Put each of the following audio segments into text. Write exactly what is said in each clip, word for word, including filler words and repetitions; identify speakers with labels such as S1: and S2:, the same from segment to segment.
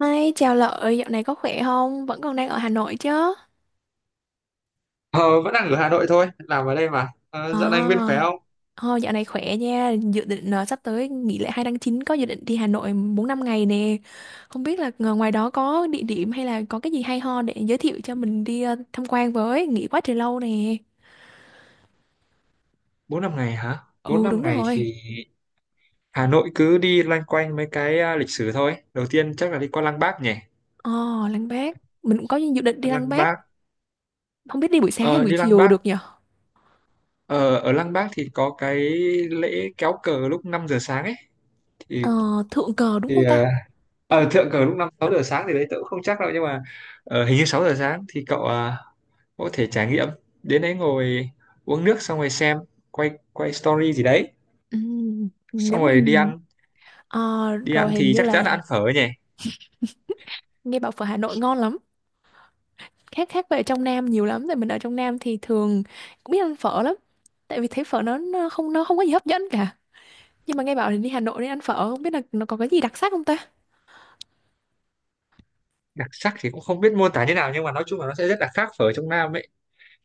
S1: Hi, chào Lợi, dạo này có khỏe không? Vẫn còn đang ở Hà Nội chứ?
S2: Ờ, Vẫn đang ở Hà Nội thôi, làm ở đây mà. Ờ, Dạo này Nguyên khỏe
S1: À,
S2: không?
S1: ờ, dạo này khỏe nha. Dự định ờ, sắp tới nghỉ lễ hai tháng chín có dự định đi Hà Nội bốn năm ngày nè. Không biết là ngờ ngoài đó có địa điểm hay là có cái gì hay ho để giới thiệu cho mình đi ờ, tham quan với, nghỉ quá trời lâu nè.
S2: Bốn năm ngày hả? Bốn
S1: Ừ, đúng
S2: năm ngày
S1: rồi.
S2: thì Hà Nội cứ đi loanh quanh mấy cái à, lịch sử thôi. Đầu tiên chắc là đi qua Lăng Bác nhỉ?
S1: ờ, Lăng Bác, mình cũng có dự định đi Lăng
S2: Lăng
S1: Bác,
S2: Bác,
S1: không biết đi buổi sáng hay
S2: ờ,
S1: buổi
S2: đi Lăng
S1: chiều
S2: Bác.
S1: được nhỉ?
S2: Ờ, Ở Lăng Bác thì có cái lễ kéo cờ lúc năm giờ sáng ấy. Thì,
S1: Ờ, Thượng Cờ đúng
S2: thì
S1: không
S2: ờ,
S1: ta? Để...
S2: ờ, thượng cờ lúc năm sáu giờ sáng thì đấy tớ cũng không chắc đâu. Nhưng mà ờ, hình như sáu giờ sáng thì cậu à, có thể trải nghiệm. Đến đấy ngồi uống nước xong rồi xem, quay quay story gì đấy.
S1: Ừ, nếu
S2: Xong rồi đi
S1: mình
S2: ăn
S1: ờ,
S2: đi
S1: rồi
S2: ăn
S1: hình
S2: thì
S1: như
S2: chắc
S1: là
S2: chắn là ăn phở nhỉ.
S1: nghe bảo phở Hà Nội ngon lắm, khác khác về ở trong Nam nhiều lắm. Tại mình ở trong Nam thì thường cũng biết ăn phở lắm, tại vì thấy phở nó, nó không nó không có gì hấp dẫn cả. Nhưng mà nghe bảo thì đi Hà Nội đi ăn phở, không biết là nó có cái gì đặc sắc không ta.
S2: Đặc sắc thì cũng không biết mô tả thế nào, nhưng mà nói chung là nó sẽ rất là khác phở trong Nam ấy.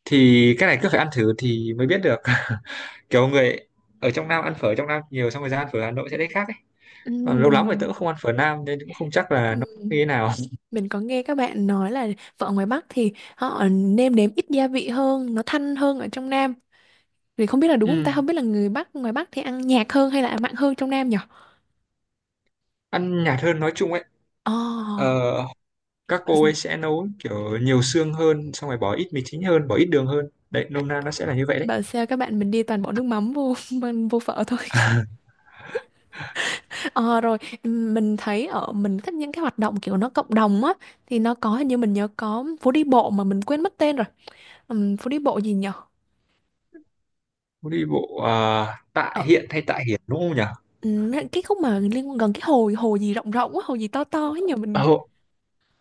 S2: Thì cái này cứ phải ăn thử thì mới biết được. Kiểu người ở trong Nam ăn phở trong Nam nhiều xong rồi ra ăn phở Hà Nội sẽ thấy khác ấy.
S1: Ừm,
S2: Còn lâu lắm rồi tớ
S1: mình
S2: cũng không ăn phở Nam nên cũng không chắc là nó như
S1: ừm,
S2: thế nào.
S1: mình có nghe các bạn nói là phở ngoài Bắc thì họ nêm nếm ít gia vị hơn, nó thanh hơn ở trong Nam. Thì không biết là đúng không
S2: Ừ,
S1: ta, không biết là người Bắc ngoài Bắc thì ăn nhạt hơn hay là mặn hơn trong Nam nhỉ.
S2: ăn nhạt hơn nói chung ấy.
S1: Ồ.
S2: Ờ, các
S1: bảo,
S2: cô ấy sẽ nấu kiểu nhiều xương hơn, xong rồi bỏ ít mì chính hơn, bỏ ít đường hơn đấy, nôm na nó sẽ là như vậy đấy.
S1: bảo sao các bạn mình đi toàn bỏ nước mắm vô vô phở thôi. Ờ, rồi ừm, mình thấy ở mình thích những cái hoạt động kiểu nó cộng đồng á, thì nó có hình như mình nhớ có phố đi bộ mà mình quên mất tên rồi. Ừm, phố đi bộ gì nhở?
S2: Phố đi bộ à, Tạ
S1: Ở
S2: Hiện hay Tạ Hiển đúng không
S1: ừm, Cái khúc mà liên gần cái hồ hồ gì rộng rộng á, hồ gì to to ấy nhờ mình.
S2: nhỉ?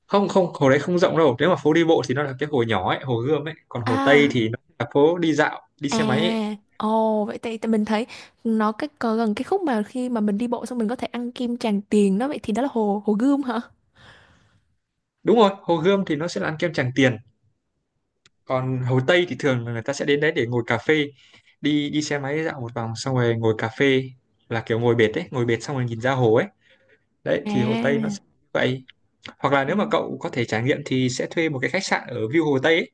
S2: Không, không hồ đấy không rộng đâu, nếu mà phố đi bộ thì nó là cái hồ nhỏ ấy, hồ Gươm ấy. Còn hồ Tây
S1: À.
S2: thì nó là phố đi dạo, đi
S1: À.
S2: xe máy ấy.
S1: Ồ, vậy thì, thì mình thấy nó cái có gần cái khúc mà khi mà mình đi bộ xong mình có thể ăn kim Tràng Tiền đó. Vậy thì đó là hồ hồ Gươm hả?
S2: Đúng rồi, hồ Gươm thì nó sẽ là ăn kem Tràng Tiền, còn hồ Tây thì thường là người ta sẽ đến đấy để ngồi cà phê, đi đi xe máy dạo một vòng xong rồi ngồi cà phê, là kiểu ngồi bệt ấy, ngồi bệt xong rồi nhìn ra hồ ấy. Đấy thì hồ Tây nó
S1: À,
S2: sẽ như vậy. Hoặc là
S1: ừ.
S2: nếu mà cậu có thể trải nghiệm thì sẽ thuê một cái khách sạn ở view hồ Tây ấy.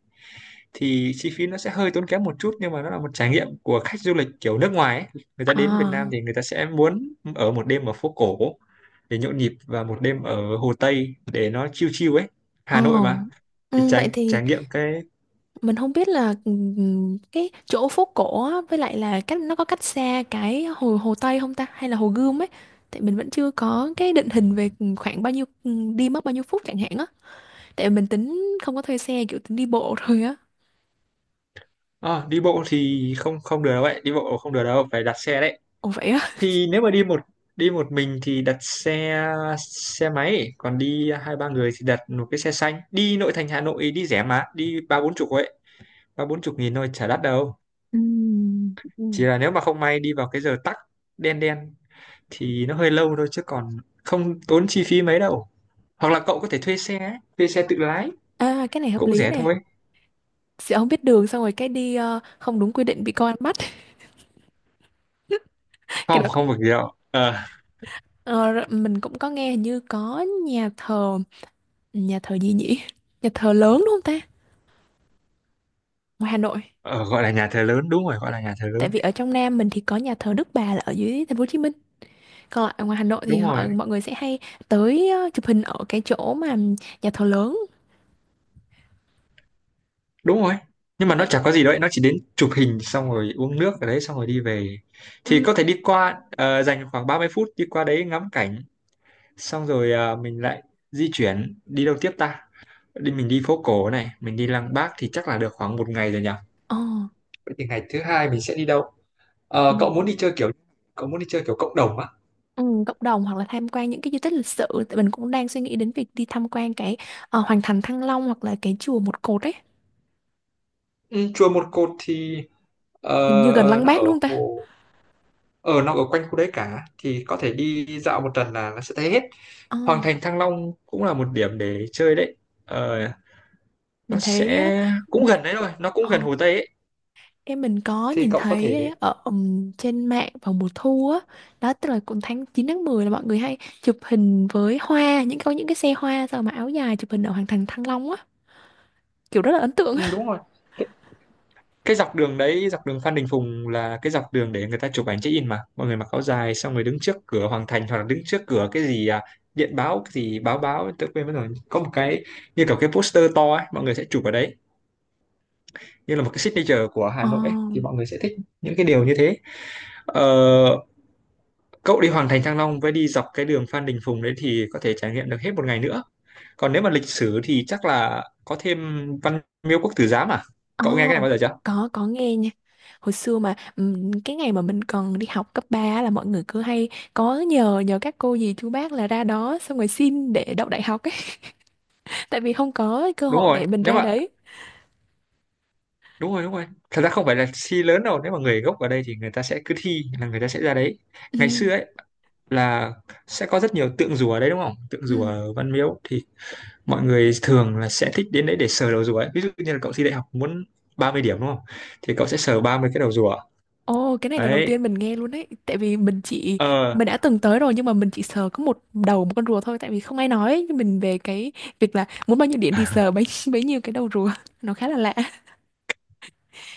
S2: Thì chi phí nó sẽ hơi tốn kém một chút, nhưng mà nó là một trải nghiệm của khách du lịch kiểu nước ngoài ấy. Người ta đến Việt Nam
S1: À.
S2: thì người ta sẽ muốn ở một đêm ở phố cổ để nhộn nhịp, và một đêm ở Hồ Tây để nó chill chill ấy.
S1: Ồ.
S2: Hà Nội mà. Thì
S1: Ừ, vậy
S2: trải
S1: thì
S2: trải nghiệm cái.
S1: mình không biết là ừm, cái chỗ phố cổ á, với lại là cách, nó có cách xa cái hồ hồ Tây không ta, hay là hồ Gươm ấy. Tại mình vẫn chưa có cái định hình về khoảng bao nhiêu, ừm, đi mất bao nhiêu phút chẳng hạn á. Tại vì mình tính không có thuê xe, kiểu tính đi bộ thôi á.
S2: Ờ, đi bộ thì không không được đâu, vậy đi bộ không được đâu, phải đặt xe đấy.
S1: Ồ vậy á?
S2: Thì nếu mà đi một đi một mình thì đặt xe, xe máy. Còn đi hai ba người thì đặt một cái xe xanh đi nội thành Hà Nội, đi rẻ mà, đi ba bốn chục ấy, ba bốn chục nghìn thôi, chả đắt đâu. Chỉ là nếu mà không may đi vào cái giờ tắc đen đen thì nó hơi lâu thôi, chứ còn không tốn chi phí mấy đâu. Hoặc là cậu có thể thuê xe ấy, thuê xe tự lái,
S1: À, cái này hợp
S2: cũng
S1: lý
S2: rẻ
S1: nè.
S2: thôi.
S1: Sẽ không biết đường, xong rồi cái đi ờ, không đúng quy định bị công an bắt. Cái
S2: không
S1: đó cũng-
S2: không được gì đâu. ờ
S1: ờ, Rồi mình cũng có nghe hình như có nhà thờ nhà thờ gì nhỉ? Nhà thờ lớn đúng không ta, ngoài Hà Nội?
S2: ờ, Gọi là nhà thờ lớn, đúng rồi, gọi là nhà thờ
S1: Tại
S2: lớn
S1: vì
S2: đấy.
S1: ở trong Nam mình thì có nhà thờ Đức Bà là ở dưới thành phố Hồ Chí Minh, còn lại ở ngoài Hà Nội thì
S2: Đúng
S1: họ
S2: rồi,
S1: mọi người sẽ hay tới ờ, chụp hình ở cái chỗ mà nhà thờ lớn.
S2: đúng rồi, nhưng mà nó
S1: Vậy.
S2: chả có gì đâu ấy, nó chỉ đến chụp hình xong rồi uống nước ở đấy xong rồi đi về. Thì
S1: Ừ.
S2: có thể đi qua, ờ, dành khoảng ba mươi phút đi qua đấy ngắm cảnh, xong rồi ờ, mình lại di chuyển đi đâu tiếp ta. Đi mình đi phố cổ này, mình đi Lăng Bác thì chắc là được khoảng một ngày rồi nhỉ.
S1: Ờ.
S2: Vậy thì ngày thứ hai mình sẽ đi đâu?
S1: Ừ.
S2: Ờ, cậu muốn đi chơi kiểu cậu muốn đi chơi kiểu cộng đồng á?
S1: Ừ, cộng đồng hoặc là tham quan những cái di tích lịch sử, tại mình cũng đang suy nghĩ đến việc đi tham quan cái ờ, Hoàng thành Thăng Long hoặc là cái chùa Một Cột ấy.
S2: Ừ, chùa Một Cột thì ờ,
S1: Hình như gần Lăng
S2: nó ở
S1: Bác đúng không ta?
S2: hồ ở nó ở quanh khu đấy cả, thì có thể đi dạo một tuần là nó sẽ thấy hết.
S1: Ờ,
S2: Hoàng thành Thăng Long cũng là một điểm để chơi đấy. Ờ, nó
S1: mình thấy
S2: sẽ cũng gần đấy thôi, nó cũng
S1: ờ,
S2: gần Hồ Tây ấy.
S1: em mình có
S2: Thì
S1: nhìn
S2: cậu có
S1: thấy
S2: thể
S1: ở ừm, trên mạng vào mùa thu á. Đó tức là cũng tháng chín tháng mười là mọi người hay chụp hình với hoa, những có những cái xe hoa sao mà áo dài chụp hình ở Hoàng thành Thăng Long á, kiểu rất là ấn tượng á.
S2: ừ, đúng rồi. Cái dọc đường đấy, dọc đường Phan Đình Phùng là cái dọc đường để người ta chụp ảnh check-in, mà mọi người mặc áo dài xong rồi đứng trước cửa Hoàng Thành, hoặc là đứng trước cửa cái gì à, điện báo cái gì báo báo tôi quên mất rồi, có một cái như kiểu cái poster to ấy, mọi người sẽ chụp ở đấy như là một cái signature của Hà
S1: Ờ.
S2: Nội ấy, thì mọi người sẽ thích những cái điều như thế. ờ, Cậu đi Hoàng Thành Thăng Long với đi dọc cái đường Phan Đình Phùng đấy thì có thể trải nghiệm được hết một ngày nữa. Còn nếu mà lịch sử thì chắc là có thêm Văn Miếu Quốc Tử Giám à,
S1: Ờ,
S2: cậu nghe cái này bao giờ chưa?
S1: có có nghe nha. Hồi xưa mà ừm, cái ngày mà mình còn đi học cấp ba á là mọi người cứ hay có nhờ nhờ các cô dì chú bác là ra đó xong rồi xin để đậu đại học ấy, tại vì không có cơ
S2: Đúng
S1: hội
S2: rồi,
S1: để mình
S2: nếu
S1: ra
S2: mà
S1: đấy.
S2: đúng rồi, đúng rồi, thật ra không phải là thi lớn đâu, nếu mà người gốc ở đây thì người ta sẽ cứ thi là người ta sẽ ra đấy.
S1: Ừ.
S2: Ngày xưa ấy là sẽ có rất nhiều tượng rùa ở đấy, đúng không, tượng rùa
S1: Ừ.
S2: ở Văn Miếu thì mọi người thường là sẽ thích đến đấy để sờ đầu rùa ấy. Ví dụ như là cậu thi đại học muốn ba mươi điểm đúng không, thì cậu sẽ sờ ba mươi cái đầu rùa
S1: Ồ, cái này là đầu
S2: đấy.
S1: tiên mình nghe luôn đấy. Tại vì mình chỉ
S2: ờ
S1: mình đã từng tới rồi nhưng mà mình chỉ sờ có một đầu một con rùa thôi tại vì không ai nói ấy. Nhưng mình về cái việc là muốn bao nhiêu điện thì sờ bấy bấy nhiêu cái đầu rùa. Nó khá là lạ.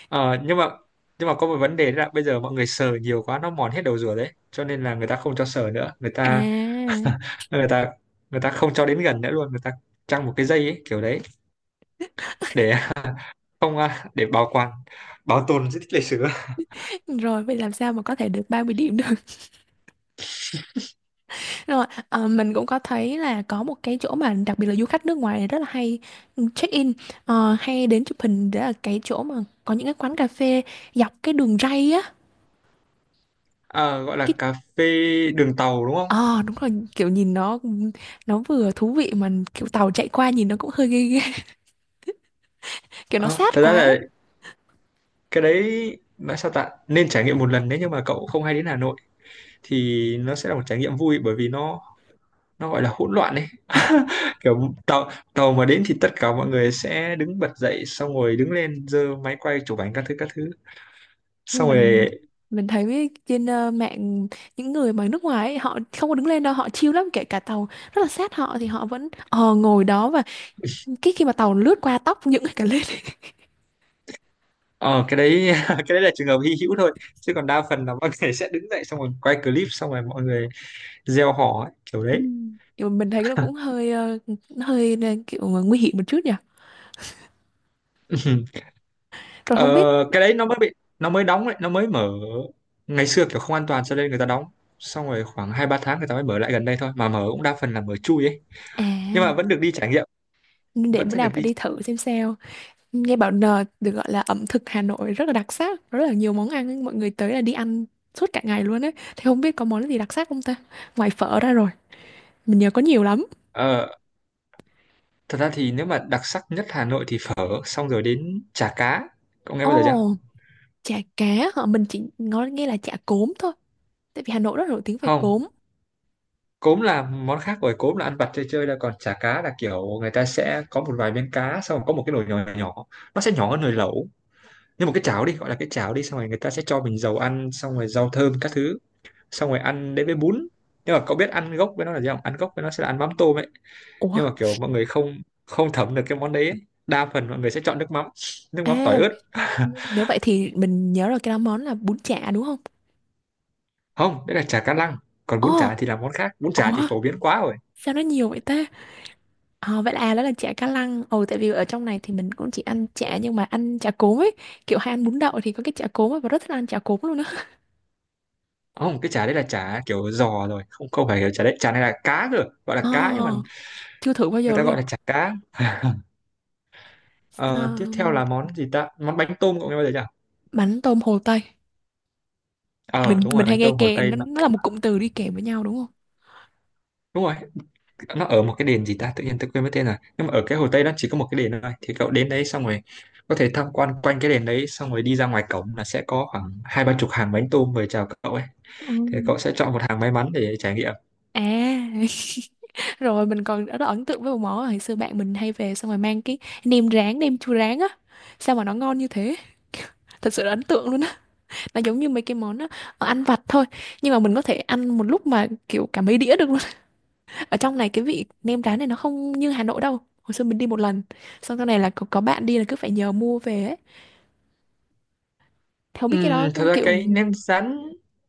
S2: ờ, nhưng mà nhưng mà có một vấn đề đó là bây giờ mọi người sờ nhiều quá nó mòn hết đầu rùa đấy, cho nên là người ta không cho sờ nữa, người ta
S1: À,
S2: người ta người ta không cho đến gần nữa luôn. Người ta trăng một cái dây ấy, kiểu đấy, để không à, để bảo quản, bảo tồn di tích lịch sử á.
S1: rồi vậy làm sao mà có thể được ba mươi điểm được. Rồi, ờ, mình cũng có thấy là có một cái chỗ mà đặc biệt là du khách nước ngoài rất là hay check-in, ờ, hay đến chụp hình, đó là cái chỗ mà có những cái quán cà phê dọc cái đường ray á.
S2: À, gọi là
S1: cái
S2: cà phê đường tàu đúng không?
S1: Ờ đúng rồi, kiểu nhìn nó nó vừa thú vị mà kiểu tàu chạy qua nhìn nó cũng hơi ghê ghê, kiểu nó
S2: Ờ,
S1: sát
S2: thật ra
S1: quá ấy.
S2: là cái đấy nó sao ta, nên trải nghiệm một lần nếu như mà cậu không hay đến Hà Nội, thì nó sẽ là một trải nghiệm vui, bởi vì nó nó gọi là hỗn loạn ấy. Kiểu tàu tàu mà đến thì tất cả mọi người sẽ đứng bật dậy, xong rồi đứng lên giơ máy quay chụp ảnh các thứ các thứ,
S1: Nhưng
S2: xong
S1: mình
S2: rồi
S1: mình thấy trên ờ, mạng, những người mà nước ngoài ấy, họ không có đứng lên đâu, họ chill lắm, kể cả tàu rất là sát họ thì họ vẫn ờ ngồi đó, và cái khi mà tàu lướt qua tóc những cái cả lên.
S2: ờ cái đấy cái đấy là trường hợp hy hữu thôi. Chứ còn đa phần là mọi người sẽ đứng dậy xong rồi quay clip, xong rồi mọi người gieo hò ấy, kiểu
S1: Ừ.
S2: đấy.
S1: Kiểu mình thấy nó cũng hơi ờ, nó hơi, ờ, kiểu ờ, nguy hiểm một chút nhỉ. Rồi
S2: Ờ,
S1: không biết.
S2: cái đấy nó mới bị nó mới đóng đấy, nó mới mở. Ngày xưa kiểu không an toàn cho nên người ta đóng, xong rồi khoảng hai ba tháng người ta mới mở lại gần đây thôi, mà mở cũng đa phần là mở chui ấy,
S1: À,
S2: nhưng mà vẫn được đi trải nghiệm,
S1: để
S2: vẫn
S1: bữa
S2: sẽ
S1: nào
S2: được
S1: phải
S2: đi.
S1: đi thử xem sao. Nghe bảo n được gọi là ẩm thực Hà Nội rất là đặc sắc, rất là nhiều món ăn ấy, mọi người tới là đi ăn suốt cả ngày luôn ấy. Thì không biết có món gì đặc sắc không ta? Ngoài phở ra rồi, mình nhớ có nhiều lắm.
S2: ờ, Thật ra thì nếu mà đặc sắc nhất Hà Nội thì phở, xong rồi đến chả cá, cậu nghe
S1: Ồ,
S2: bao giờ chưa?
S1: chả cá hả? Mình chỉ nói nghe là chả cốm thôi, tại vì Hà Nội rất nổi tiếng về
S2: Không,
S1: cốm.
S2: cốm là món khác rồi, cốm là ăn vặt chơi chơi, là còn chả cá là kiểu người ta sẽ có một vài miếng cá, xong rồi có một cái nồi nhỏ nhỏ, nó sẽ nhỏ hơn nồi lẩu, như một cái cháo đi, gọi là cái cháo đi, xong rồi người ta sẽ cho mình dầu ăn, xong rồi rau thơm các thứ, xong rồi ăn đến với bún. Nhưng mà cậu biết ăn gốc với nó là gì không, ăn gốc với nó sẽ là ăn mắm tôm ấy,
S1: Ủa,
S2: nhưng mà kiểu mọi người không không thấm được cái món đấy ấy. Đa phần mọi người sẽ chọn nước mắm, nước mắm tỏi
S1: à,
S2: ớt.
S1: nếu vậy thì mình nhớ rồi, cái đó món là bún chả đúng không?
S2: Không, đấy là chả cá lăng, còn bún
S1: Ồ.
S2: chả thì là món khác, bún chả thì
S1: Ủa,
S2: phổ biến quá rồi.
S1: sao nó nhiều vậy ta? Ờ, vậy là à, đó là chả cá lăng. Ồ, tại vì ở trong này thì mình cũng chỉ ăn chả nhưng mà ăn chả cốm ấy. Kiểu hay ăn bún đậu thì có cái chả cốm ấy, và rất thích ăn chả cốm luôn á.
S2: Không, cái chả đấy là chả kiểu giò rồi, không, không phải kiểu chả đấy, chả này là cá rồi, gọi
S1: Ờ,
S2: là cá nhưng mà
S1: chưa thử bao
S2: người
S1: giờ
S2: ta
S1: luôn.
S2: gọi là chả cá.
S1: Ờ,
S2: Ờ, tiếp theo là món gì ta, món bánh tôm, cậu nghe bao giờ chưa?
S1: bánh tôm Hồ Tây. Mình
S2: ờ Đúng
S1: mình
S2: rồi,
S1: hay
S2: bánh
S1: nghe
S2: tôm Hồ
S1: kèm
S2: Tây.
S1: nó, nó là một cụm từ đi kèm với nhau đúng không?
S2: Đúng rồi, nó ở một cái đền gì ta, tự nhiên tôi quên mất tên rồi, nhưng mà ở cái Hồ Tây nó chỉ có một cái đền thôi, thì cậu đến đấy xong rồi có thể tham quan quanh cái đền đấy, xong rồi đi ra ngoài cổng là sẽ có khoảng hai ba chục hàng bánh tôm mời chào cậu ấy.
S1: Ừ.
S2: Thì cậu sẽ chọn một hàng may mắn để trải nghiệm.
S1: À, rồi mình còn rất là ấn tượng với một món là hồi xưa bạn mình hay về xong rồi mang cái nem rán, nem chua rán á. Sao mà nó ngon như thế? Thật sự là ấn tượng luôn. Nó giống như mấy cái món ờ, ờ, ăn vặt thôi, nhưng mà mình có thể ăn một lúc mà kiểu cả mấy đĩa được luôn. Ở trong này cái vị nem rán này nó không như Hà Nội đâu. Hồi xưa mình đi một lần, xong sau này là có, có bạn đi là cứ phải nhờ mua về ấy. Thế biết cái đó
S2: Ừm, thật ra
S1: kiểu
S2: cái nem rán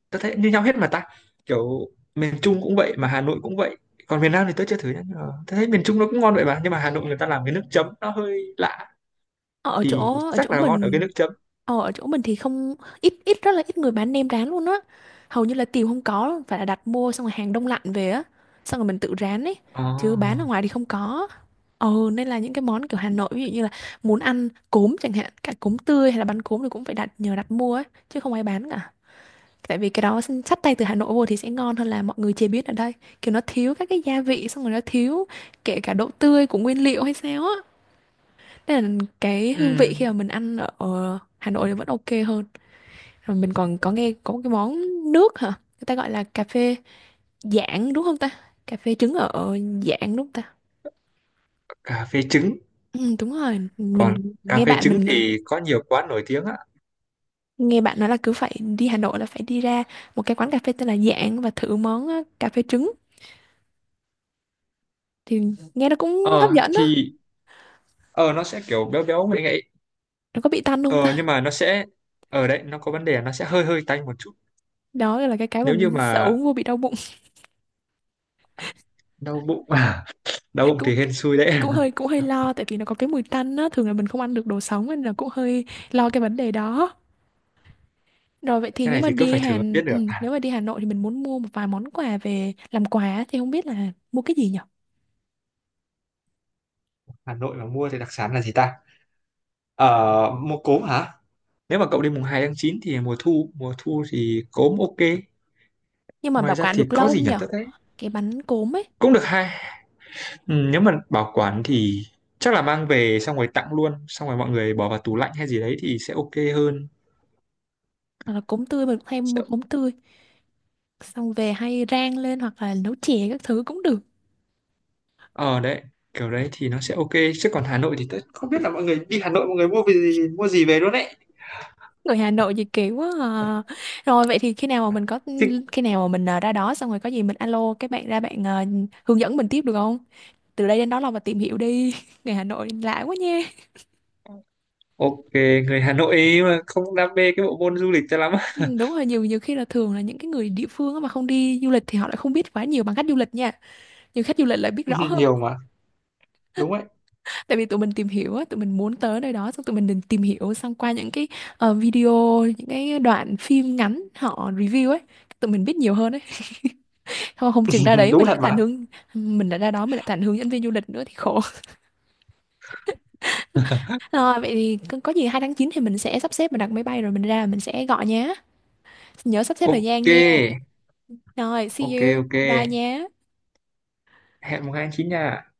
S2: tôi thấy như nhau hết mà ta, kiểu miền Trung cũng vậy mà Hà Nội cũng vậy. Còn miền Nam thì tôi chưa thử nhá, nhưng mà tôi thấy miền Trung nó cũng ngon vậy mà, nhưng mà Hà Nội người ta làm cái nước chấm nó hơi lạ,
S1: ở
S2: thì
S1: chỗ ở chỗ
S2: chắc là ngon ở cái
S1: mình.
S2: nước chấm.
S1: Ờ, ở chỗ mình thì không ít ít rất là ít người bán nem rán luôn á, hầu như là tìm không có, phải là đặt mua xong rồi hàng đông lạnh về á, xong rồi mình tự rán ấy,
S2: Ờ.
S1: chứ bán ở ngoài thì không có. Ờ, nên là những cái món kiểu Hà Nội, ví dụ như là muốn ăn cốm chẳng hạn, cả cốm tươi hay là bánh cốm thì cũng phải đặt, nhờ đặt mua ấy, chứ không ai bán cả. Tại vì cái đó xin- xách tay từ Hà Nội vô thì sẽ ngon hơn là mọi người chế biến ở đây, kiểu nó thiếu các cái gia vị, xong rồi nó thiếu kể cả độ tươi của nguyên liệu hay sao á, nên là cái hương vị khi
S2: Ừm,
S1: mà mình ăn ở ở Hà Nội thì vẫn ok hơn. Rồi mình còn có nghe có một cái món nước hả? Người ta gọi là cà phê Giảng đúng không ta? Cà phê trứng ở Giảng đúng không ta?
S2: cà phê trứng.
S1: Ừ, đúng rồi, mình
S2: Còn cà
S1: nghe
S2: phê
S1: bạn
S2: trứng
S1: mình
S2: thì có nhiều quán nổi tiếng á.
S1: nghe bạn nói là cứ phải đi Hà Nội là phải đi ra một cái quán cà phê tên là Giảng và thử món ờ, cà phê trứng, thì nghe nó cũng hấp
S2: Ờ
S1: dẫn đó.
S2: thì ờ Nó sẽ kiểu béo béo ngậy ngậy.
S1: Nó có bị tanh
S2: ờ
S1: không
S2: nhưng
S1: ta?
S2: mà nó sẽ, ở đấy nó có vấn đề là nó sẽ hơi hơi tanh một chút.
S1: Đó là cái cái mà
S2: Nếu như
S1: mình sợ
S2: mà
S1: uống vô bị đau bụng.
S2: đau bụng, đau bụng
S1: Cũng
S2: thì hên xui đấy.
S1: cũng hơi cũng hơi lo tại vì nó có cái mùi tanh á, thường là mình không ăn được đồ sống nên là cũng hơi lo cái vấn đề đó. Rồi vậy thì
S2: Cái
S1: nếu
S2: này
S1: mà
S2: thì cứ
S1: đi
S2: phải thử
S1: Hà
S2: mới biết được.
S1: Ừ,
S2: À,
S1: nếu mà đi Hà Nội thì mình muốn mua một vài món quà về làm quà thì không biết là mua cái gì nhở.
S2: Hà Nội mà mua thì đặc sản là gì ta, ờ mua cốm hả? Nếu mà cậu đi mùng hai tháng chín thì mùa thu, mùa thu thì cốm ok.
S1: Nhưng mà bảo
S2: Ngoài ra
S1: quản
S2: thì
S1: được lâu
S2: có
S1: không
S2: gì nhỉ,
S1: nhở?
S2: tất đấy
S1: Cái bánh cốm ấy,
S2: cũng được hai. Ừ, nếu mà bảo quản thì chắc là mang về xong rồi tặng luôn, xong rồi mọi người bỏ vào tủ lạnh hay gì đấy thì sẽ ok hơn.
S1: hoặc là cốm tươi, mình hay mua
S2: Sẽ-
S1: cốm tươi. Xong về hay rang lên hoặc là nấu chè các thứ cũng được.
S2: ờ đấy kiểu đấy thì nó sẽ ok. Chứ còn Hà Nội thì tớ không biết là mọi người đi Hà Nội mọi người mua về gì mua gì về luôn đấy.
S1: Người Hà Nội gì kỳ quá à. Rồi vậy thì khi nào mà mình có,
S2: Chứ
S1: khi nào mà mình à, ra đó xong rồi có gì mình alo các bạn ra, bạn à, hướng dẫn mình tiếp được không? Từ đây đến đó là mà tìm hiểu đi. Người Hà Nội lạ quá nha.
S2: ok. Người Hà Nội ấy mà không đam mê cái bộ môn du lịch cho lắm.
S1: Ừ, đúng rồi, nhiều nhiều khi là thường là những cái người địa phương á mà không đi du lịch thì họ lại không biết quá nhiều bằng khách du lịch nha, nhưng khách du lịch lại biết rõ hơn.
S2: Nhiều mà, đúng đấy.
S1: Tại vì tụi mình tìm hiểu á, tụi mình muốn tới nơi đó xong tụi mình định tìm hiểu xong qua những cái ờ, video, những cái đoạn phim ngắn họ review ấy, tụi mình biết nhiều hơn ấy. không, không chừng ra đấy
S2: Đúng
S1: mình lại
S2: thật mà.
S1: thành hướng mình lại ra đó mình lại thành hướng dẫn viên du lịch nữa thì khổ. Rồi vậy thì có có gì hai tháng chín thì mình sẽ sắp xếp, mình đặt máy bay rồi mình ra, mình sẽ gọi nhé. Nhớ sắp xếp thời gian
S2: Ok.
S1: nha. Rồi, see
S2: Ok.
S1: you,
S2: Ok,
S1: bye nhé.
S2: hẹn mùng hai tháng chín nha.